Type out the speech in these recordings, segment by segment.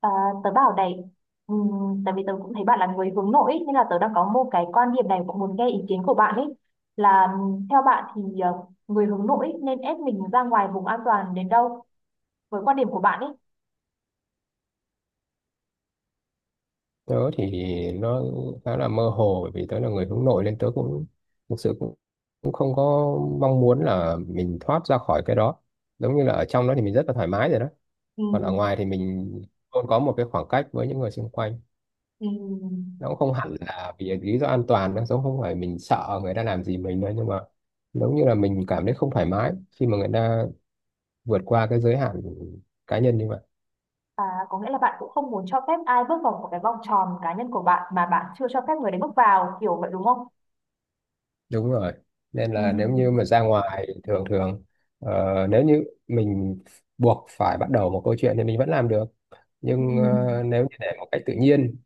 À, tớ bảo này. Tại vì tớ cũng thấy bạn là người hướng nội ý, nên là tớ đang có một cái quan điểm này cũng muốn nghe ý kiến của bạn ấy, là theo bạn thì người hướng nội ý nên ép mình ra ngoài vùng an toàn đến đâu, với quan điểm của bạn ấy? Tớ thì nó khá là mơ hồ, bởi vì tớ là người hướng nội nên tớ cũng thực sự cũng cũng không có mong muốn là mình thoát ra khỏi cái đó. Giống như là ở trong đó thì mình rất là thoải mái rồi đó, còn ở Ừm. ngoài thì mình luôn có một cái khoảng cách với những người xung quanh. Ừm. Nó cũng không hẳn là vì lý do an toàn, nó giống không phải mình sợ người ta làm gì mình nữa, nhưng mà giống như là mình cảm thấy không thoải mái khi mà người ta vượt qua cái giới hạn cá nhân như vậy. À, có nghĩa là bạn cũng không muốn cho phép ai bước vào một cái vòng tròn cá nhân của bạn mà bạn chưa cho phép người đấy bước vào kiểu vậy đúng không? Đúng rồi, nên là nếu như Ừm. mà ra ngoài thường thường, nếu như mình buộc phải bắt đầu một câu chuyện thì mình vẫn làm được, nhưng Ừm. nếu như để một cách tự nhiên,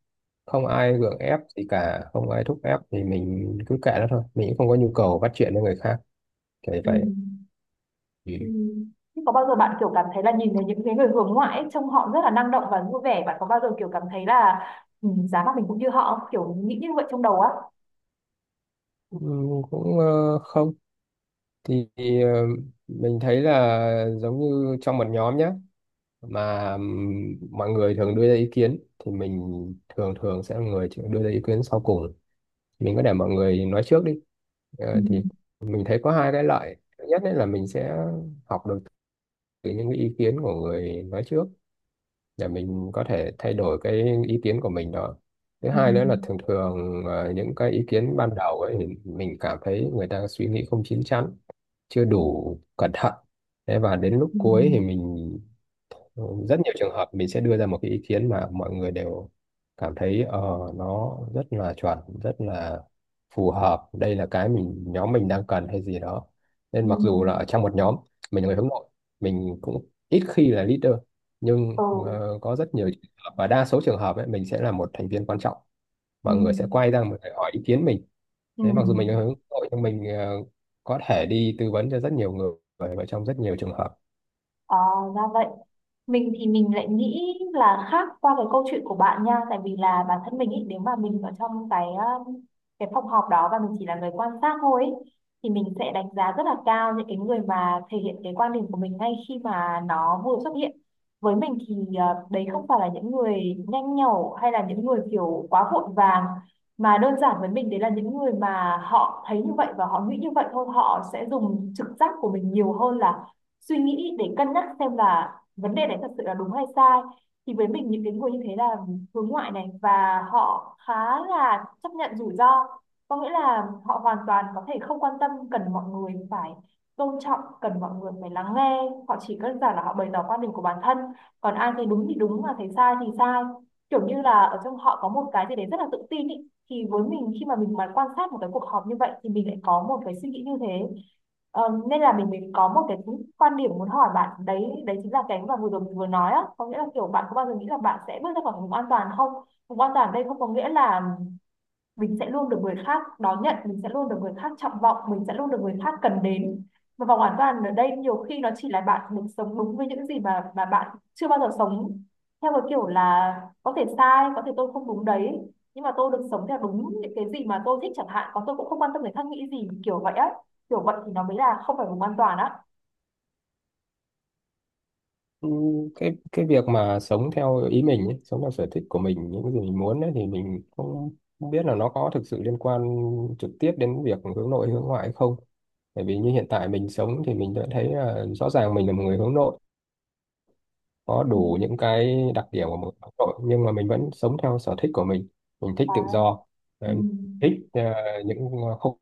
không ai gượng ép gì cả, không ai thúc ép thì mình cứ kệ nó thôi, mình cũng không có nhu cầu bắt chuyện với người khác kiểu như vậy. Ừm. Ừ. Ừ. Thế có bao giờ bạn kiểu cảm thấy là nhìn thấy những cái người hướng ngoại ấy, trông họ rất là năng động và vui vẻ, bạn có bao giờ kiểu cảm thấy là giá mà mình cũng như họ không, kiểu nghĩ như vậy trong đầu á? Ừ, cũng không thì ờ, mình thấy là giống như trong một nhóm nhé, mà mọi người thường đưa ra ý kiến thì mình thường thường sẽ là người chịu đưa ra ý kiến sau cùng, mình có để mọi người nói trước đi. Ừ. Thì mình thấy có hai cái lợi. Thứ nhất đấy là mình sẽ học được từ những cái ý kiến của người nói trước, để mình có thể thay đổi cái ý kiến của mình đó. Thứ Ừ. hai nữa là thường thường, những cái ý kiến ban đầu ấy thì mình cảm thấy người ta suy nghĩ không chín chắn, chưa đủ cẩn thận, thế và đến lúc Ừ. cuối thì mình rất nhiều trường hợp mình sẽ đưa ra một cái ý kiến mà mọi người đều cảm thấy nó rất là chuẩn, rất là phù hợp, đây là cái nhóm mình đang cần hay gì đó. Ừ. Nên mặc dù là ở trong một nhóm mình là người hướng nội, mình cũng ít khi là leader, nhưng Ừ. Có rất nhiều trường hợp và đa số trường hợp ấy, mình sẽ là một thành viên quan trọng, Ừ. mọi người sẽ quay ra mình, hỏi ý kiến mình. Ừ. Đấy, mặc dù mình là hướng nội nhưng mình có thể đi tư vấn cho rất nhiều người và trong rất nhiều trường hợp. À, ra vậy. Mình thì mình lại nghĩ là khác qua cái câu chuyện của bạn nha, tại vì là bản thân mình ý, nếu mà mình ở trong um, cái phòng họp đó và mình chỉ là người quan sát thôi ý, thì mình sẽ đánh giá rất là cao những cái người mà thể hiện cái quan điểm của mình ngay khi mà nó vừa xuất hiện. Với mình thì đấy không phải là những người nhanh nhẩu hay là những người kiểu quá vội vàng, mà đơn giản với mình đấy là những người mà họ thấy như vậy và họ nghĩ như vậy thôi, họ sẽ dùng trực giác của mình nhiều hơn là suy nghĩ để cân nhắc xem là vấn đề đấy thật sự là đúng hay sai. Thì với mình những cái người như thế là hướng ngoại này, và họ khá là chấp nhận rủi ro, có nghĩa là họ hoàn toàn có thể không quan tâm, cần mọi người phải tôn trọng, cần mọi người phải lắng nghe. Họ chỉ đơn giản là họ bày tỏ quan điểm của bản thân, còn ai thấy đúng thì đúng mà thấy sai thì sai, kiểu như là ở trong họ có một cái gì đấy rất là tự tin ý. Thì với mình khi mà mình mà quan sát một cái cuộc họp như vậy thì mình lại có một cái suy nghĩ như thế. Ờ, Nên là mình có một cái quan điểm muốn hỏi bạn đấy, đấy chính là cái mà vừa rồi mình vừa nói á, có nghĩa là kiểu bạn có bao giờ nghĩ là bạn sẽ bước ra khỏi vùng an toàn không? Vùng an toàn ở đây không có nghĩa là mình sẽ luôn được người khác đón nhận, mình sẽ luôn được người khác trọng vọng, mình sẽ luôn được người khác cần đến. Và vòng an toàn ở đây nhiều khi nó chỉ là bạn mình sống đúng với những gì mà bạn chưa bao giờ sống, theo cái kiểu là có thể sai, có thể tôi không đúng đấy, nhưng mà tôi được sống theo đúng những cái gì mà tôi thích chẳng hạn, còn tôi cũng không quan tâm người khác nghĩ gì, kiểu vậy á. Kiểu vậy thì nó mới là không phải vùng an toàn á. Ừ, cái việc mà sống theo ý mình ấy, sống theo sở thích của mình, những cái gì mình muốn ấy, thì mình không không biết là nó có thực sự liên quan trực tiếp đến việc hướng nội hướng ngoại hay không. Bởi vì như hiện tại mình sống thì mình đã thấy là rõ ràng mình là một người hướng nội, có Ừ. đủ những cái đặc điểm của một hướng nội, nhưng mà mình vẫn sống theo sở thích của mình. Mình thích À. tự do, Ừ. ờ, thích những khung,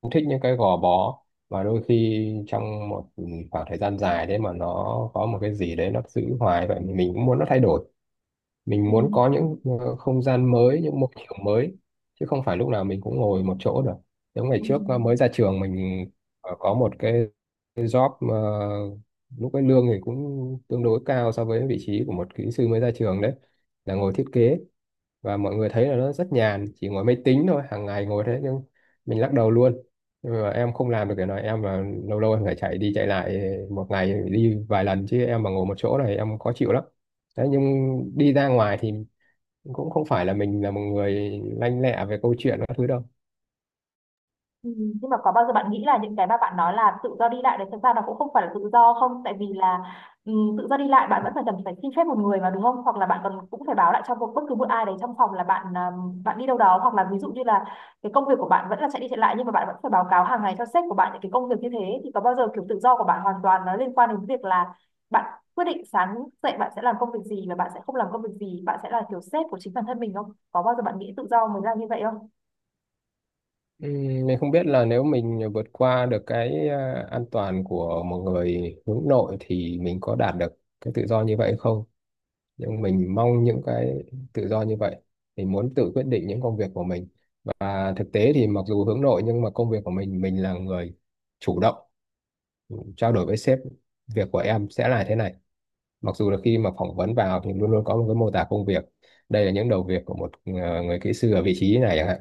cũng thích những cái gò bó, và đôi khi trong một khoảng thời gian dài đấy mà nó có một cái gì đấy nó giữ hoài vậy, mình cũng muốn nó thay đổi. Mình Ừ. muốn có những không gian mới, những môi trường mới, chứ không phải lúc nào mình cũng ngồi một chỗ được. Giống ngày Ừ. trước mới ra trường, mình có một cái job, lúc cái lương thì cũng tương đối cao so với vị trí của một kỹ sư mới ra trường, đấy là ngồi thiết kế, và mọi người thấy là nó rất nhàn, chỉ ngồi máy tính thôi, hàng ngày ngồi thế, nhưng mình lắc đầu luôn. Nhưng mà em không làm được cái này, em là lâu lâu em phải chạy đi chạy lại, một ngày phải đi vài lần, chứ em mà ngồi một chỗ này em khó chịu lắm. Đấy, nhưng đi ra ngoài thì cũng không phải là mình là một người lanh lẹ về câu chuyện các thứ đâu. Ừ, nhưng mà có bao giờ bạn nghĩ là những cái mà bạn nói là tự do đi lại đấy thực ra nó cũng không phải là tự do không? Tại vì là ừ, tự do đi lại bạn vẫn phải cần phải xin phép một người mà đúng không, hoặc là bạn còn cũng phải báo lại cho bất cứ một ai đấy trong phòng là bạn à, bạn đi đâu đó, hoặc là ví dụ như là cái công việc của bạn vẫn là chạy đi chạy lại, nhưng mà bạn vẫn phải báo cáo hàng ngày cho sếp của bạn những cái công việc như thế. Thì có bao giờ kiểu tự do của bạn hoàn toàn nó liên quan đến việc là bạn quyết định sáng dậy bạn sẽ làm công việc gì và bạn sẽ không làm công việc gì, bạn sẽ là kiểu sếp của chính bản thân mình không? Có bao giờ bạn nghĩ tự do mới là như vậy không? Mình không biết là nếu mình vượt qua được cái an toàn của một người hướng nội thì mình có đạt được cái tự do như vậy không, nhưng mình mong những cái tự do như vậy. Mình muốn tự quyết định những công việc của mình, và thực tế thì mặc dù hướng nội nhưng mà công việc của mình là người chủ động trao đổi với sếp: việc của em sẽ là thế này. Mặc dù là khi mà phỏng vấn vào thì luôn luôn có một cái mô tả công việc, đây là những đầu việc của một người kỹ sư ở vị trí này chẳng hạn.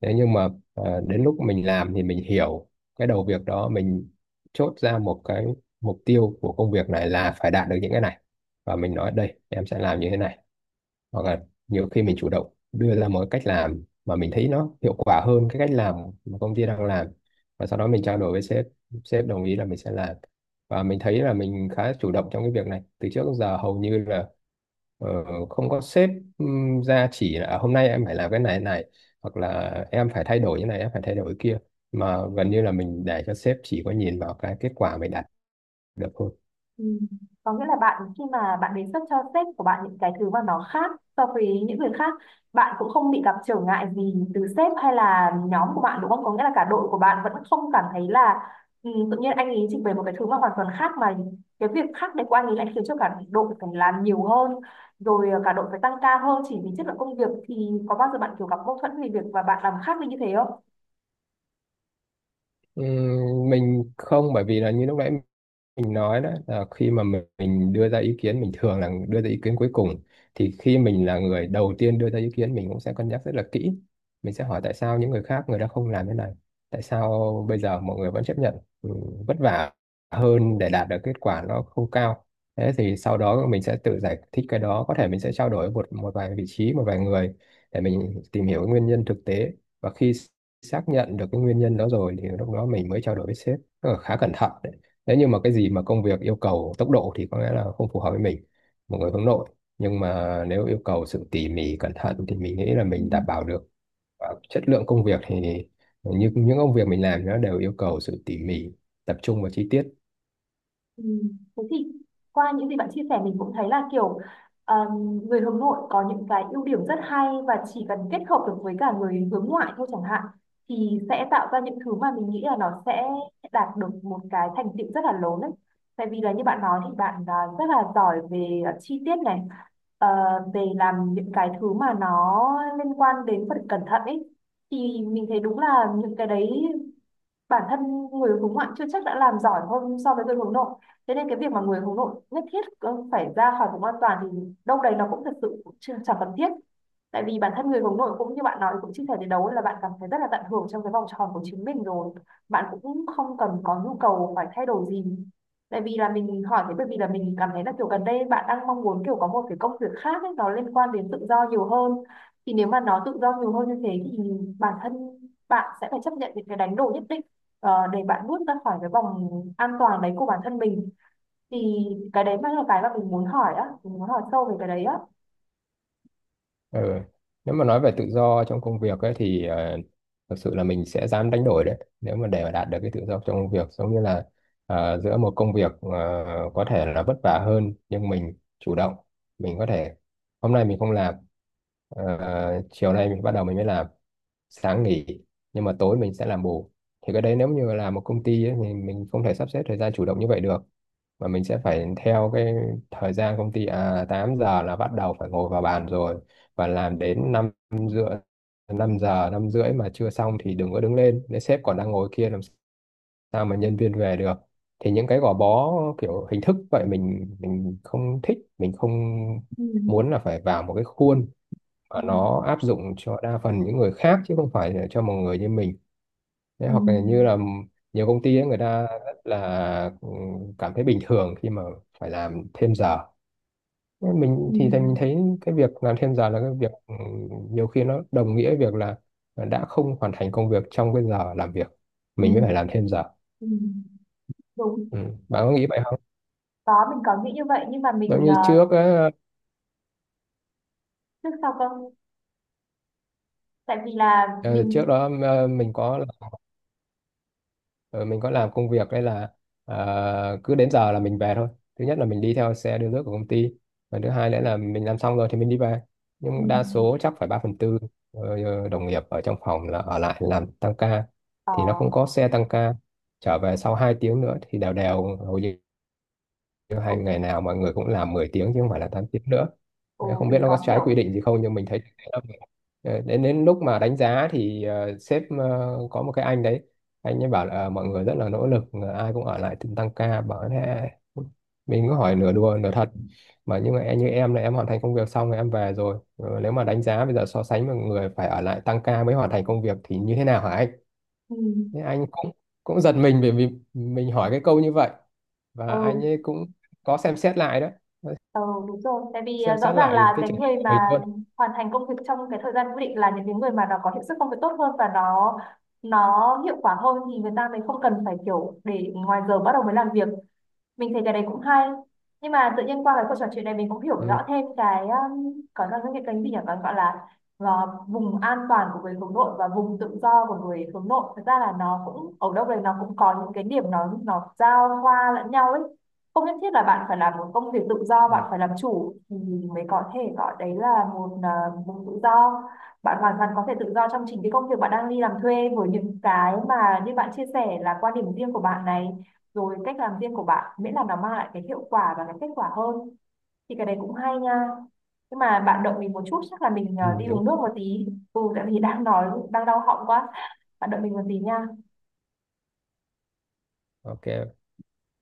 Thế nhưng mà đến lúc mình làm thì mình hiểu cái đầu việc đó, mình chốt ra một cái mục tiêu của công việc này là phải đạt được những cái này, và mình nói đây em sẽ làm như thế này. Hoặc là nhiều khi mình chủ động đưa ra một cái cách làm mà mình thấy nó hiệu quả hơn cái cách làm mà công ty đang làm, và sau đó mình trao đổi với sếp, sếp đồng ý là mình sẽ làm. Và mình thấy là mình khá chủ động trong cái việc này, từ trước đến giờ hầu như là ờ, không có sếp ra chỉ là "À, hôm nay em phải làm cái này này, hoặc là em phải thay đổi như này, em phải thay đổi kia", mà gần như là mình để cho sếp chỉ có nhìn vào cái kết quả mình đạt được thôi. Ừ. Có nghĩa là bạn khi mà bạn đề xuất cho sếp của bạn những cái thứ mà nó khác so với những người khác, bạn cũng không bị gặp trở ngại gì từ sếp hay là nhóm của bạn đúng không? Có nghĩa là cả đội của bạn vẫn không cảm thấy là tự nhiên anh ấy trình bày một cái thứ mà hoàn toàn khác, mà cái việc khác đấy của anh ấy lại khiến cho cả đội phải làm nhiều hơn, rồi cả đội phải tăng ca hơn chỉ vì chất lượng công việc. Thì có bao giờ bạn kiểu gặp mâu thuẫn về việc và bạn làm khác đi như thế không? Mình không, bởi vì là như lúc nãy mình nói đó là khi mà mình đưa ra ý kiến mình thường là đưa ra ý kiến cuối cùng, thì khi mình là người đầu tiên đưa ra ý kiến mình cũng sẽ cân nhắc rất là kỹ. Mình sẽ hỏi tại sao những người khác người ta không làm thế này, tại sao bây giờ mọi người vẫn chấp nhận ừ, vất vả hơn để đạt được kết quả nó không cao. Thế thì sau đó mình sẽ tự giải thích cái đó, có thể mình sẽ trao đổi với một một vài vị trí, một vài người để mình tìm hiểu cái nguyên nhân thực tế. Và khi xác nhận được cái nguyên nhân đó rồi thì lúc đó mình mới trao đổi với sếp. Tức là khá cẩn thận. Nếu như mà cái gì mà công việc yêu cầu tốc độ thì có lẽ là không phù hợp với mình, một người hướng nội, nhưng mà nếu yêu cầu sự tỉ mỉ cẩn thận thì mình nghĩ là mình đảm bảo được. Và chất lượng công việc thì như những công việc mình làm nó đều yêu cầu sự tỉ mỉ, tập trung vào chi tiết. Ừ. Thế thì qua những gì bạn chia sẻ mình cũng thấy là kiểu người hướng nội có những cái ưu điểm rất hay, và chỉ cần kết hợp được với cả người hướng ngoại thôi chẳng hạn thì sẽ tạo ra những thứ mà mình nghĩ là nó sẽ đạt được một cái thành tựu rất là lớn đấy. Tại vì là như bạn nói thì bạn rất là giỏi về chi tiết này, ờ, về làm những cái thứ mà nó liên quan đến phần cẩn thận ấy. Thì mình thấy đúng là những cái đấy, bản thân người hướng ngoại chưa chắc đã làm giỏi hơn so với người hướng nội. Thế nên cái việc mà người hướng nội nhất thiết phải ra khỏi vùng an toàn thì đâu đấy nó cũng thật sự cũng chẳng cần thiết. Tại vì bản thân người hướng nội cũng như bạn nói cũng chia sẻ đến đấu là bạn cảm thấy rất là tận hưởng trong cái vòng tròn của chính mình rồi, bạn cũng không cần có nhu cầu phải thay đổi gì. Tại vì là mình hỏi thế bởi vì là mình cảm thấy là kiểu gần đây bạn đang mong muốn kiểu có một cái công việc khác ấy, nó liên quan đến tự do nhiều hơn. Thì nếu mà nó tự do nhiều hơn như thế thì bản thân bạn sẽ phải chấp nhận những cái đánh đổi nhất định, để bạn bước ra khỏi cái vòng an toàn đấy của bản thân mình. Thì cái đấy mới là cái mà mình muốn hỏi á, mình muốn hỏi sâu về cái đấy á. Ừ. Nếu mà nói về tự do trong công việc ấy, thì thực sự là mình sẽ dám đánh đổi đấy, nếu mà để mà đạt được cái tự do trong công việc. Giống như là giữa một công việc có thể là vất vả hơn nhưng mình chủ động, mình có thể hôm nay mình không làm, chiều nay mình bắt đầu mình mới làm, sáng nghỉ nhưng mà tối mình sẽ làm bù. Thì cái đấy nếu như là một công ty ấy, thì mình không thể sắp xếp thời gian chủ động như vậy được, mà mình sẽ phải theo cái thời gian công ty, à 8 giờ là bắt đầu phải ngồi vào bàn rồi, và làm đến 5:30. 5 giờ 5:30 mà chưa xong thì đừng có đứng lên, nếu sếp còn đang ngồi kia làm sao mà nhân viên về được. Thì những cái gò bó kiểu hình thức vậy mình không thích, mình không Ừ. muốn là phải vào một cái khuôn mà Ừ. nó áp dụng cho đa phần những người khác chứ không phải là cho một người như mình. Thế Ừ. hoặc là như là nhiều công ty ấy, người ta rất là cảm thấy bình thường khi mà phải làm thêm giờ, nhưng mình Ừ. thì mình thấy cái việc làm thêm giờ là cái việc nhiều khi nó đồng nghĩa việc là đã không hoàn thành công việc trong cái giờ làm việc, Ừ. mình mới phải làm thêm giờ. Ừ. Đúng. Ừ. Bạn có nghĩ vậy không? Có, mình có nghĩ như vậy nhưng mà mình Giống như trước á, trước sau cơ, tại vì là ờ, trước mình. đó mình có làm công việc đây là, cứ đến giờ là mình về thôi. Thứ nhất là mình đi theo xe đưa nước của công ty, và thứ hai nữa là mình làm xong rồi thì mình đi về, Ừ. nhưng đa số chắc phải 3 phần tư đồng nghiệp ở trong phòng là ở lại làm tăng ca. ờ, Thì nó cũng có xe tăng ca trở về sau 2 tiếng nữa, thì đều đều hầu như nếu ừ, hay ngày nào mọi người cũng làm 10 tiếng chứ không phải là 8 tiếng nữa. ừ, Đấy, không biết mình nó có có trái quy hiểu. định gì không nhưng mình thấy thế là mình- Ờ, đến đến lúc mà đánh giá thì sếp có một cái anh đấy, anh ấy bảo là mọi người rất là nỗ lực, ai cũng ở lại từng tăng ca bảo thế. Mình cứ hỏi nửa đùa nửa thật, mà nhưng mà em- như em là em hoàn thành công việc xong rồi em về rồi. Ờ, nếu mà đánh giá bây giờ so sánh với người phải ở lại tăng ca mới hoàn thành công việc thì như thế nào hả anh? Ừ. Nên anh cũng cũng giật mình bởi vì mình hỏi cái câu như vậy, và anh Ừ. ấy cũng có xem xét lại đó, Ừ, đúng rồi. Tại vì xem rõ xét ràng lại là cái cái trường hợp người của mà mình luôn. hoàn thành công việc trong cái thời gian quy định là những cái người mà nó có hiệu suất công việc tốt hơn và nó hiệu quả hơn, thì người ta mới không cần phải kiểu để ngoài giờ bắt đầu mới làm việc. Mình thấy cái đấy cũng hay, nhưng mà tự nhiên qua cái cuộc trò chuyện này mình cũng hiểu Ừ. rõ thêm cái có là cái kênh gì nhỉ, còn gọi là ờ, vùng an toàn của người hướng nội và vùng tự do của người hướng nội, thật ra là nó cũng ở đâu đấy nó cũng có những cái điểm nó giao hoa lẫn nhau ấy. Không nhất thiết là bạn phải làm một công việc tự do, bạn Ừ. phải làm chủ thì mới có thể gọi đấy là một vùng tự do. Bạn hoàn toàn có thể tự do trong chính cái công việc bạn đang đi làm thuê, với những cái mà như bạn chia sẻ là quan điểm riêng của bạn này, rồi cách làm riêng của bạn, miễn là nó mang lại cái hiệu quả và cái kết quả hơn thì cái đấy cũng hay nha. Nhưng mà bạn động mình một chút, chắc là mình Ừ, đi đúng. uống nước một tí. Ừ, tại vì đang nói đang đau họng quá, bạn động mình một tí nha. Ok.